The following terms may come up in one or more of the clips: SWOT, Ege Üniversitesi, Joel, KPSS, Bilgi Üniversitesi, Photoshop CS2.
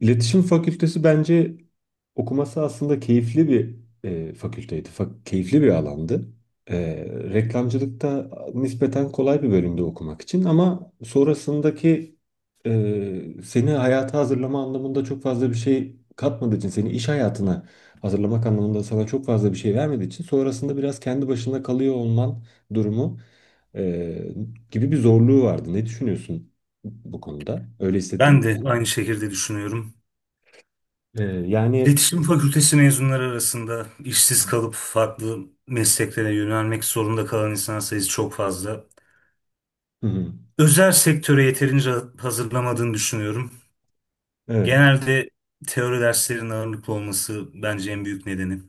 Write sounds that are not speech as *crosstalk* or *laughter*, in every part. İletişim Fakültesi bence okuması aslında keyifli bir fakülteydi. Keyifli bir alandı. E, Reklamcılık da nispeten kolay bir bölümde okumak için, ama sonrasındaki seni hayata hazırlama anlamında çok fazla bir şey katmadığı için, seni iş hayatına hazırlamak anlamında sana çok fazla bir şey vermediği için sonrasında biraz kendi başına kalıyor olman durumu e, gibi bir zorluğu vardı. Ne düşünüyorsun bu konuda? Öyle Ben hissettim. de aynı şekilde düşünüyorum. Yani. İletişim Fakültesi mezunları arasında işsiz kalıp farklı mesleklere yönelmek zorunda kalan insan sayısı çok fazla. Hı hı. Özel sektöre yeterince hazırlamadığını düşünüyorum. Evet. Genelde teori derslerinin ağırlıklı olması bence en büyük nedeni.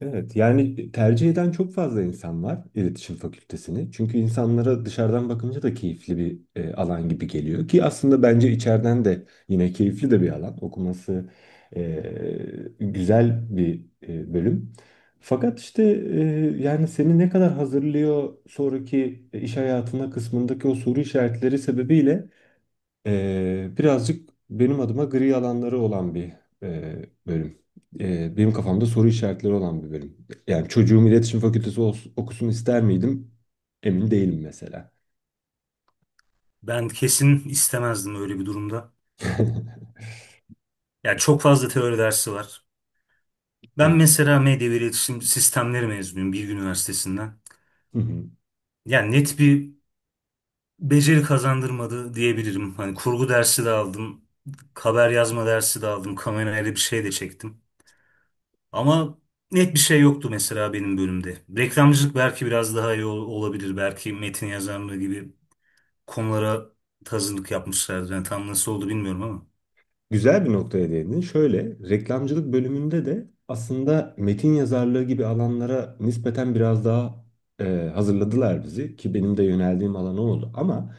Evet, yani tercih eden çok fazla insan var iletişim fakültesini. Çünkü insanlara dışarıdan bakınca da keyifli bir alan gibi geliyor ki, aslında bence içeriden de yine keyifli de bir alan. Okuması e, güzel bir bölüm. Fakat işte e, yani seni ne kadar hazırlıyor sonraki iş hayatına kısmındaki o soru işaretleri sebebiyle, birazcık benim adıma gri alanları olan bir bölüm. Benim kafamda soru işaretleri olan bir bölüm. Yani çocuğum iletişim fakültesi okusun ister miydim? Emin değilim mesela. Ben kesin istemezdim öyle bir durumda. *laughs* Ya çok fazla teori dersi var. Ben Evet. mesela medya ve iletişim sistemleri mezunuyum Bilgi Üniversitesi'nden. *laughs* Yani net bir beceri kazandırmadı diyebilirim. Hani kurgu dersi de aldım, haber yazma dersi de aldım, kamerayla bir şey de çektim. Ama net bir şey yoktu mesela benim bölümde. Reklamcılık belki biraz daha iyi olabilir. Belki metin yazarlığı gibi konulara tazınlık yapmışlardı. Yani tam nasıl oldu bilmiyorum ama. Güzel bir noktaya değindin. Şöyle, reklamcılık bölümünde de aslında metin yazarlığı gibi alanlara nispeten biraz daha hazırladılar bizi ki benim de yöneldiğim alan o oldu. Ama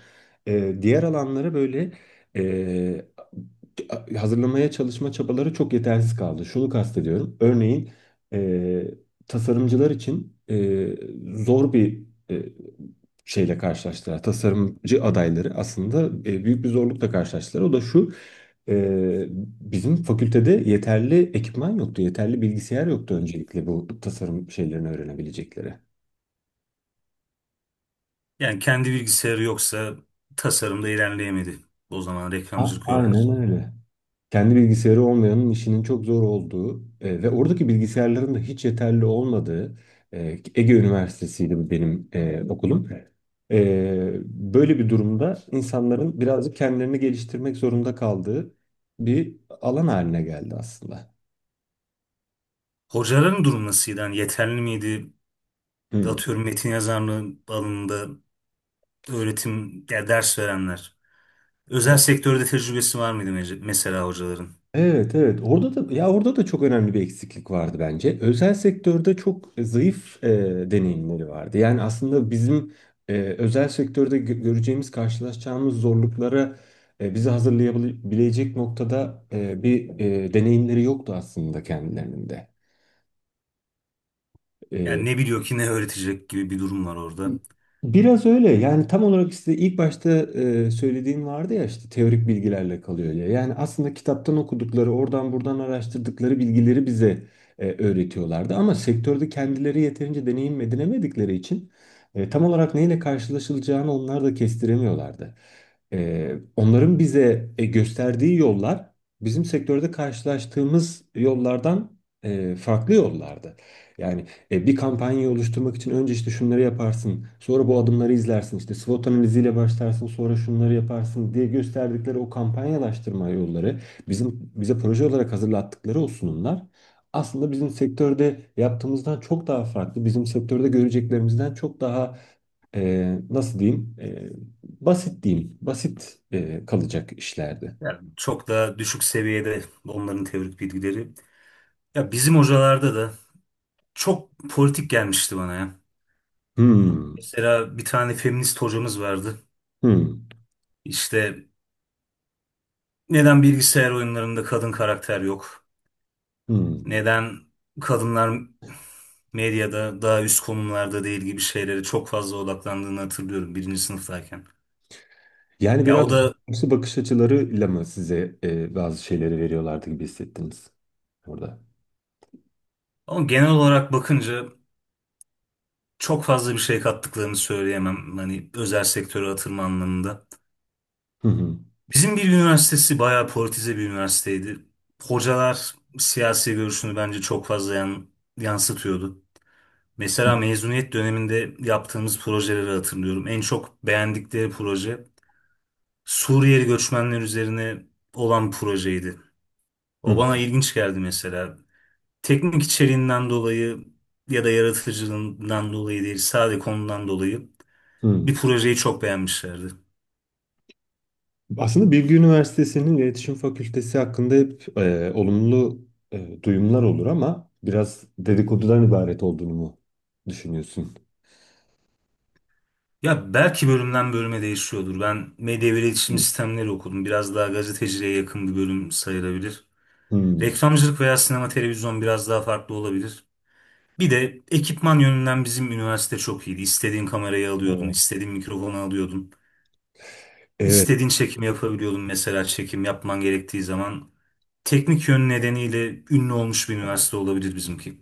diğer alanlara böyle e, hazırlamaya çalışma çabaları çok yetersiz kaldı. Şunu kastediyorum. Örneğin e, tasarımcılar için zor bir e, şeyle karşılaştılar. Tasarımcı adayları aslında büyük bir zorlukla karşılaştılar. O da şu. Ee, Bizim fakültede yeterli ekipman yoktu, yeterli bilgisayar yoktu öncelikle bu tasarım şeylerini öğrenebilecekleri. Yani kendi bilgisayarı yoksa tasarımda ilerleyemedi. O zaman reklamcılık Aynen öğrencileri. öyle. Kendi bilgisayarı olmayanın işinin çok zor olduğu ve oradaki bilgisayarların da hiç yeterli olmadığı, e, Ege Üniversitesi'ydi bu benim okulum. Böyle bir durumda insanların birazcık kendilerini geliştirmek zorunda kaldığı bir alan haline geldi aslında. Hocaların durum nasıldı? Yani yeterli miydi? Hmm. Atıyorum metin yazarlığı alanında öğretim ya ders verenler. Özel sektörde tecrübesi var mıydı mesela hocaların? Evet, evet, orada da, ya, orada da çok önemli bir eksiklik vardı bence. Özel sektörde çok zayıf deneyimleri vardı. Yani aslında bizim özel sektörde göreceğimiz, karşılaşacağımız zorluklara bizi hazırlayabilecek noktada bir deneyimleri yoktu aslında kendilerinin de. Yani ne biliyor ki ne öğretecek gibi bir durum var orada. Biraz öyle, yani tam olarak işte ilk başta söylediğim vardı ya, işte teorik bilgilerle kalıyor ya. Yani aslında kitaptan okudukları, oradan buradan araştırdıkları bilgileri bize öğretiyorlardı. Ama sektörde kendileri yeterince deneyim edinemedikleri için tam olarak neyle karşılaşılacağını onlar da kestiremiyorlardı. Onların bize gösterdiği yollar bizim sektörde karşılaştığımız yollardan farklı yollardı. Yani bir kampanyayı oluşturmak için önce işte şunları yaparsın, sonra bu adımları izlersin, işte SWOT analiziyle başlarsın, sonra şunları yaparsın diye gösterdikleri o kampanyalaştırma yolları, bizim bize proje olarak hazırlattıkları o sunumlar, aslında bizim sektörde yaptığımızdan çok daha farklı, bizim sektörde göreceklerimizden çok daha nasıl diyeyim, basit diyeyim, basit kalacak işlerdi. Yani çok da düşük seviyede onların teorik bilgileri. Ya bizim hocalarda da çok politik gelmişti bana ya. Hmm, Mesela bir tane feminist hocamız vardı. hmm, İşte neden bilgisayar oyunlarında kadın karakter yok? hmm. Neden kadınlar medyada daha üst konumlarda değil gibi şeylere çok fazla odaklandığını hatırlıyorum birinci sınıftayken. Yani Ya biraz o da. karşı bakış açılarıyla mı size bazı şeyleri veriyorlardı gibi hissettiniz orada? Ama genel olarak bakınca çok fazla bir şey kattıklarını söyleyemem. Hani özel sektöre atılma anlamında. Hı hı. Bizim bir üniversitesi bayağı politize bir üniversiteydi. Hocalar siyasi görüşünü bence çok fazla yansıtıyordu. Mesela mezuniyet döneminde yaptığımız projeleri hatırlıyorum. En çok beğendikleri proje Suriyeli göçmenler üzerine olan projeydi. O Hı bana ilginç geldi mesela. Teknik içeriğinden dolayı ya da yaratıcılığından dolayı değil, sadece konudan dolayı hı. bir projeyi çok beğenmişlerdi. Aslında Bilgi Üniversitesi'nin iletişim fakültesi hakkında hep olumlu duyumlar olur, ama biraz dedikodudan ibaret olduğunu mu düşünüyorsun? Ya belki bölümden bölüme değişiyordur. Ben medya ve Hı. iletişim sistemleri okudum. Biraz daha gazeteciliğe yakın bir bölüm sayılabilir. Hı. Reklamcılık veya sinema televizyon biraz daha farklı olabilir. Bir de ekipman yönünden bizim üniversite çok iyiydi. İstediğin kamerayı alıyordun, Evet. istediğin mikrofonu alıyordun. Evet. İstediğin çekimi yapabiliyordun mesela çekim yapman gerektiği zaman. Teknik yön nedeniyle ünlü olmuş bir üniversite olabilir bizimki.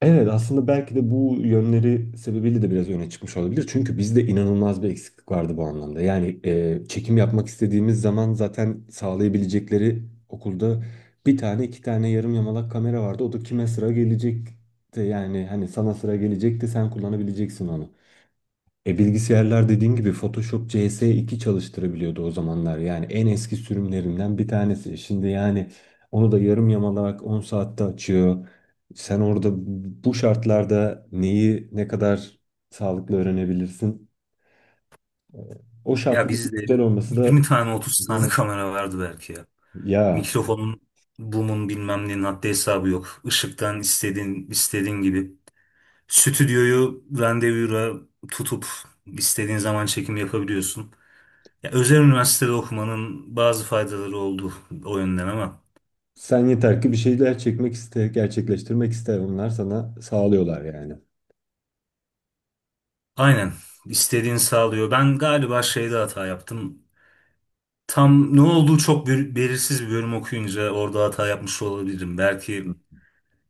Evet, aslında belki de bu yönleri sebebiyle de biraz öne çıkmış olabilir. Çünkü bizde inanılmaz bir eksiklik vardı bu anlamda. Yani çekim yapmak istediğimiz zaman zaten sağlayabilecekleri okulda bir tane, iki tane yarım yamalak kamera vardı. O da kime sıra gelecekti, yani hani sana sıra gelecekti, sen kullanabileceksin onu. E bilgisayarlar dediğim gibi Photoshop CS2 çalıştırabiliyordu o zamanlar. Yani en eski sürümlerinden bir tanesi. Şimdi yani onu da yarım yamalak 10 saatte açıyor. Sen orada bu şartlarda neyi ne kadar sağlıklı öğrenebilirsin? O Ya şartların bizde güzel olması da. 20 tane otuz tane Hmm. kamera vardı belki ya. Ya Mikrofonun, boom'un bilmem nenin haddi hesabı yok. Işıktan istediğin, istediğin gibi. Stüdyoyu randevura tutup istediğin zaman çekim yapabiliyorsun. Ya, özel üniversitede okumanın bazı faydaları oldu o yönden ama. sen yeter ki bir şeyler çekmek iste, gerçekleştirmek iste. Onlar sana sağlıyorlar yani. Aynen. İstediğini sağlıyor. Ben galiba şeyde hata yaptım. Tam ne olduğu çok belirsiz bir bölüm okuyunca orada hata yapmış olabilirim. Hmm. Belki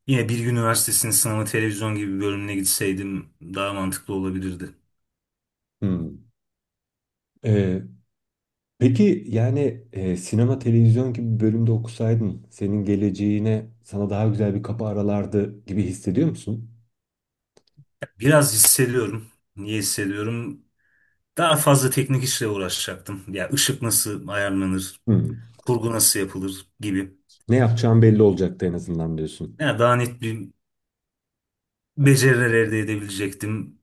yine Bilgi Üniversitesi'nin sınavı televizyon gibi bir bölümüne gitseydim daha mantıklı olabilirdi. Hmm. Ee, Peki yani sinema televizyon gibi bir bölümde okusaydın senin geleceğine, sana daha güzel bir kapı aralardı gibi hissediyor musun? Biraz hissediyorum. Niye hissediyorum? Daha fazla teknik işle uğraşacaktım. Ya ışık nasıl ayarlanır, Hmm. kurgu nasıl yapılır gibi. Ne yapacağın belli olacaktı en azından diyorsun. Ya daha net bir beceriler elde edebilecektim.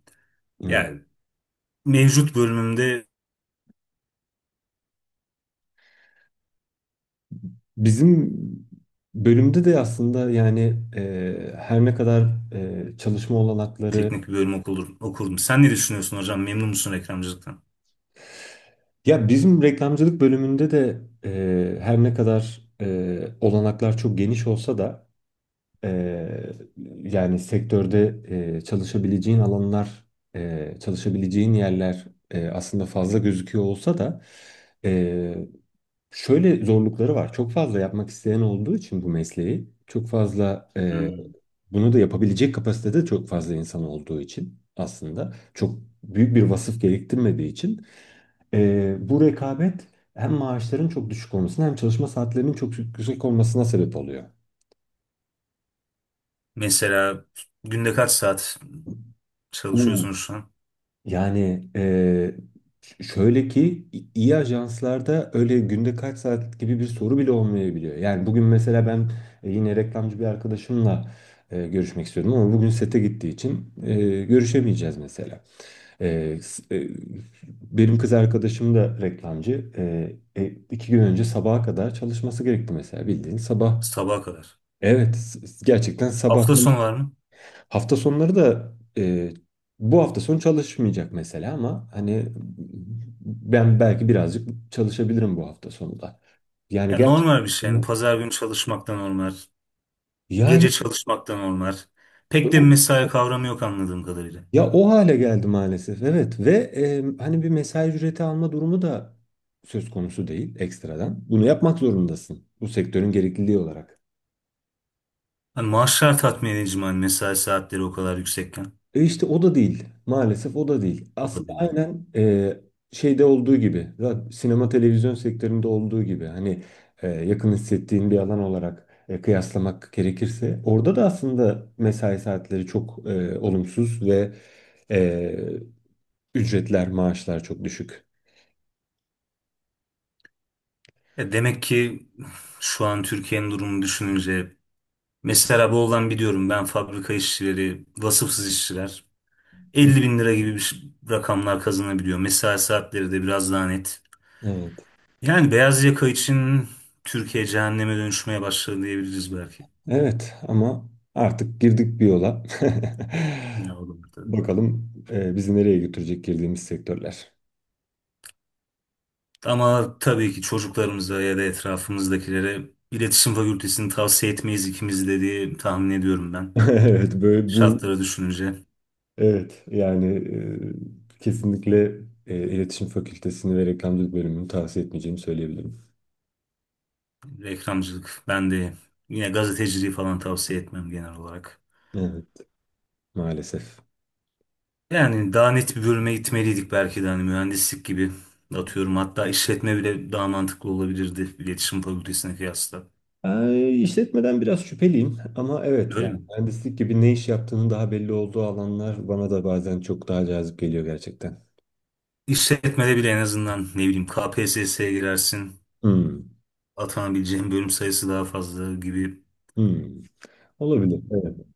Evet. Yani mevcut bölümümde Bizim bölümde de aslında yani her ne kadar çalışma olanakları, teknik bir bölüm okurdum. Sen ne düşünüyorsun hocam? Memnun musun reklamcılıktan? ya bizim reklamcılık bölümünde de her ne kadar olanaklar çok geniş olsa da, Eee, yani sektörde çalışabileceğin alanlar, çalışabileceğin yerler aslında fazla gözüküyor olsa da, eee, şöyle zorlukları var. Çok fazla yapmak isteyen olduğu için bu mesleği, çok fazla Hmm. bunu da yapabilecek kapasitede çok fazla insan olduğu için, aslında çok büyük bir vasıf gerektirmediği için bu rekabet hem maaşların çok düşük olmasına, hem çalışma saatlerinin çok yüksek olmasına sebep oluyor. Mesela günde kaç saat çalışıyorsunuz şu an? Yani şöyle ki iyi ajanslarda öyle günde kaç saat gibi bir soru bile olmayabiliyor. Yani bugün mesela ben yine reklamcı bir arkadaşımla görüşmek istiyordum, ama bugün sete gittiği için görüşemeyeceğiz mesela. E, s- e, Benim kız arkadaşım da reklamcı. İki gün önce sabaha kadar çalışması gerekti mesela, bildiğin sabah. Sabaha kadar. Evet, gerçekten sabah. Hafta sonu var mı? Hafta sonları da e, bu hafta sonu çalışmayacak mesela, ama hani ben belki birazcık çalışabilirim bu hafta sonu da. Yani Ya gerçekten, normal bir şey. Yani pazar günü çalışmak da normal. yani Gece çalışmaktan onlar. Pek de bir o- mesai kavramı yok anladığım kadarıyla. ya o hale geldi maalesef, evet. Ve hani bir mesai ücreti alma durumu da söz konusu değil ekstradan. Bunu yapmak zorundasın bu sektörün gerekliliği olarak. Hani maaşlar tatmin edici mi? Hani mesai saatleri o kadar yüksekken. E işte o da değil. Maalesef o da değil. O da Aslında değil. Yani. aynen şeyde olduğu gibi, sinema televizyon sektöründe olduğu gibi, hani yakın hissettiğin bir alan olarak kıyaslamak gerekirse, orada da aslında mesai saatleri çok olumsuz ve e, ücretler, maaşlar çok düşük. E demek ki şu an Türkiye'nin durumunu düşününce mesela Bolu'dan biliyorum ben fabrika işçileri, vasıfsız işçiler Hı. 50 bin lira gibi bir rakamlar kazanabiliyor. Mesai saatleri de biraz daha net. Evet. Yani beyaz yaka için Türkiye cehenneme dönüşmeye başladı diyebiliriz belki. Evet, ama artık girdik bir yola. Ne olur. *laughs* Bakalım bizi nereye götürecek girdiğimiz sektörler. Ama tabii ki çocuklarımıza ya da etrafımızdakilere iletişim fakültesini tavsiye etmeyiz ikimiz de diye tahmin ediyorum ben. *laughs* Evet, böyle bu. Şartları düşününce Evet, yani kesinlikle iletişim fakültesini ve reklamcılık bölümünü tavsiye etmeyeceğimi söyleyebilirim. reklamcılık ben de yine gazeteciliği falan tavsiye etmem genel olarak. Evet, maalesef. Yani daha net bir bölüme gitmeliydik belki de hani mühendislik gibi atıyorum hatta işletme bile daha mantıklı olabilirdi iletişim fakültesine kıyasla. İşletmeden biraz şüpheliyim, ama evet, Öyle yani mi? mühendislik gibi ne iş yaptığının daha belli olduğu alanlar bana da bazen çok daha cazip geliyor gerçekten. İşletmede bile en azından ne bileyim KPSS'ye girersin Hmm, atanabileceğin bölüm sayısı daha fazla gibi hmm. Olabilir. Evet.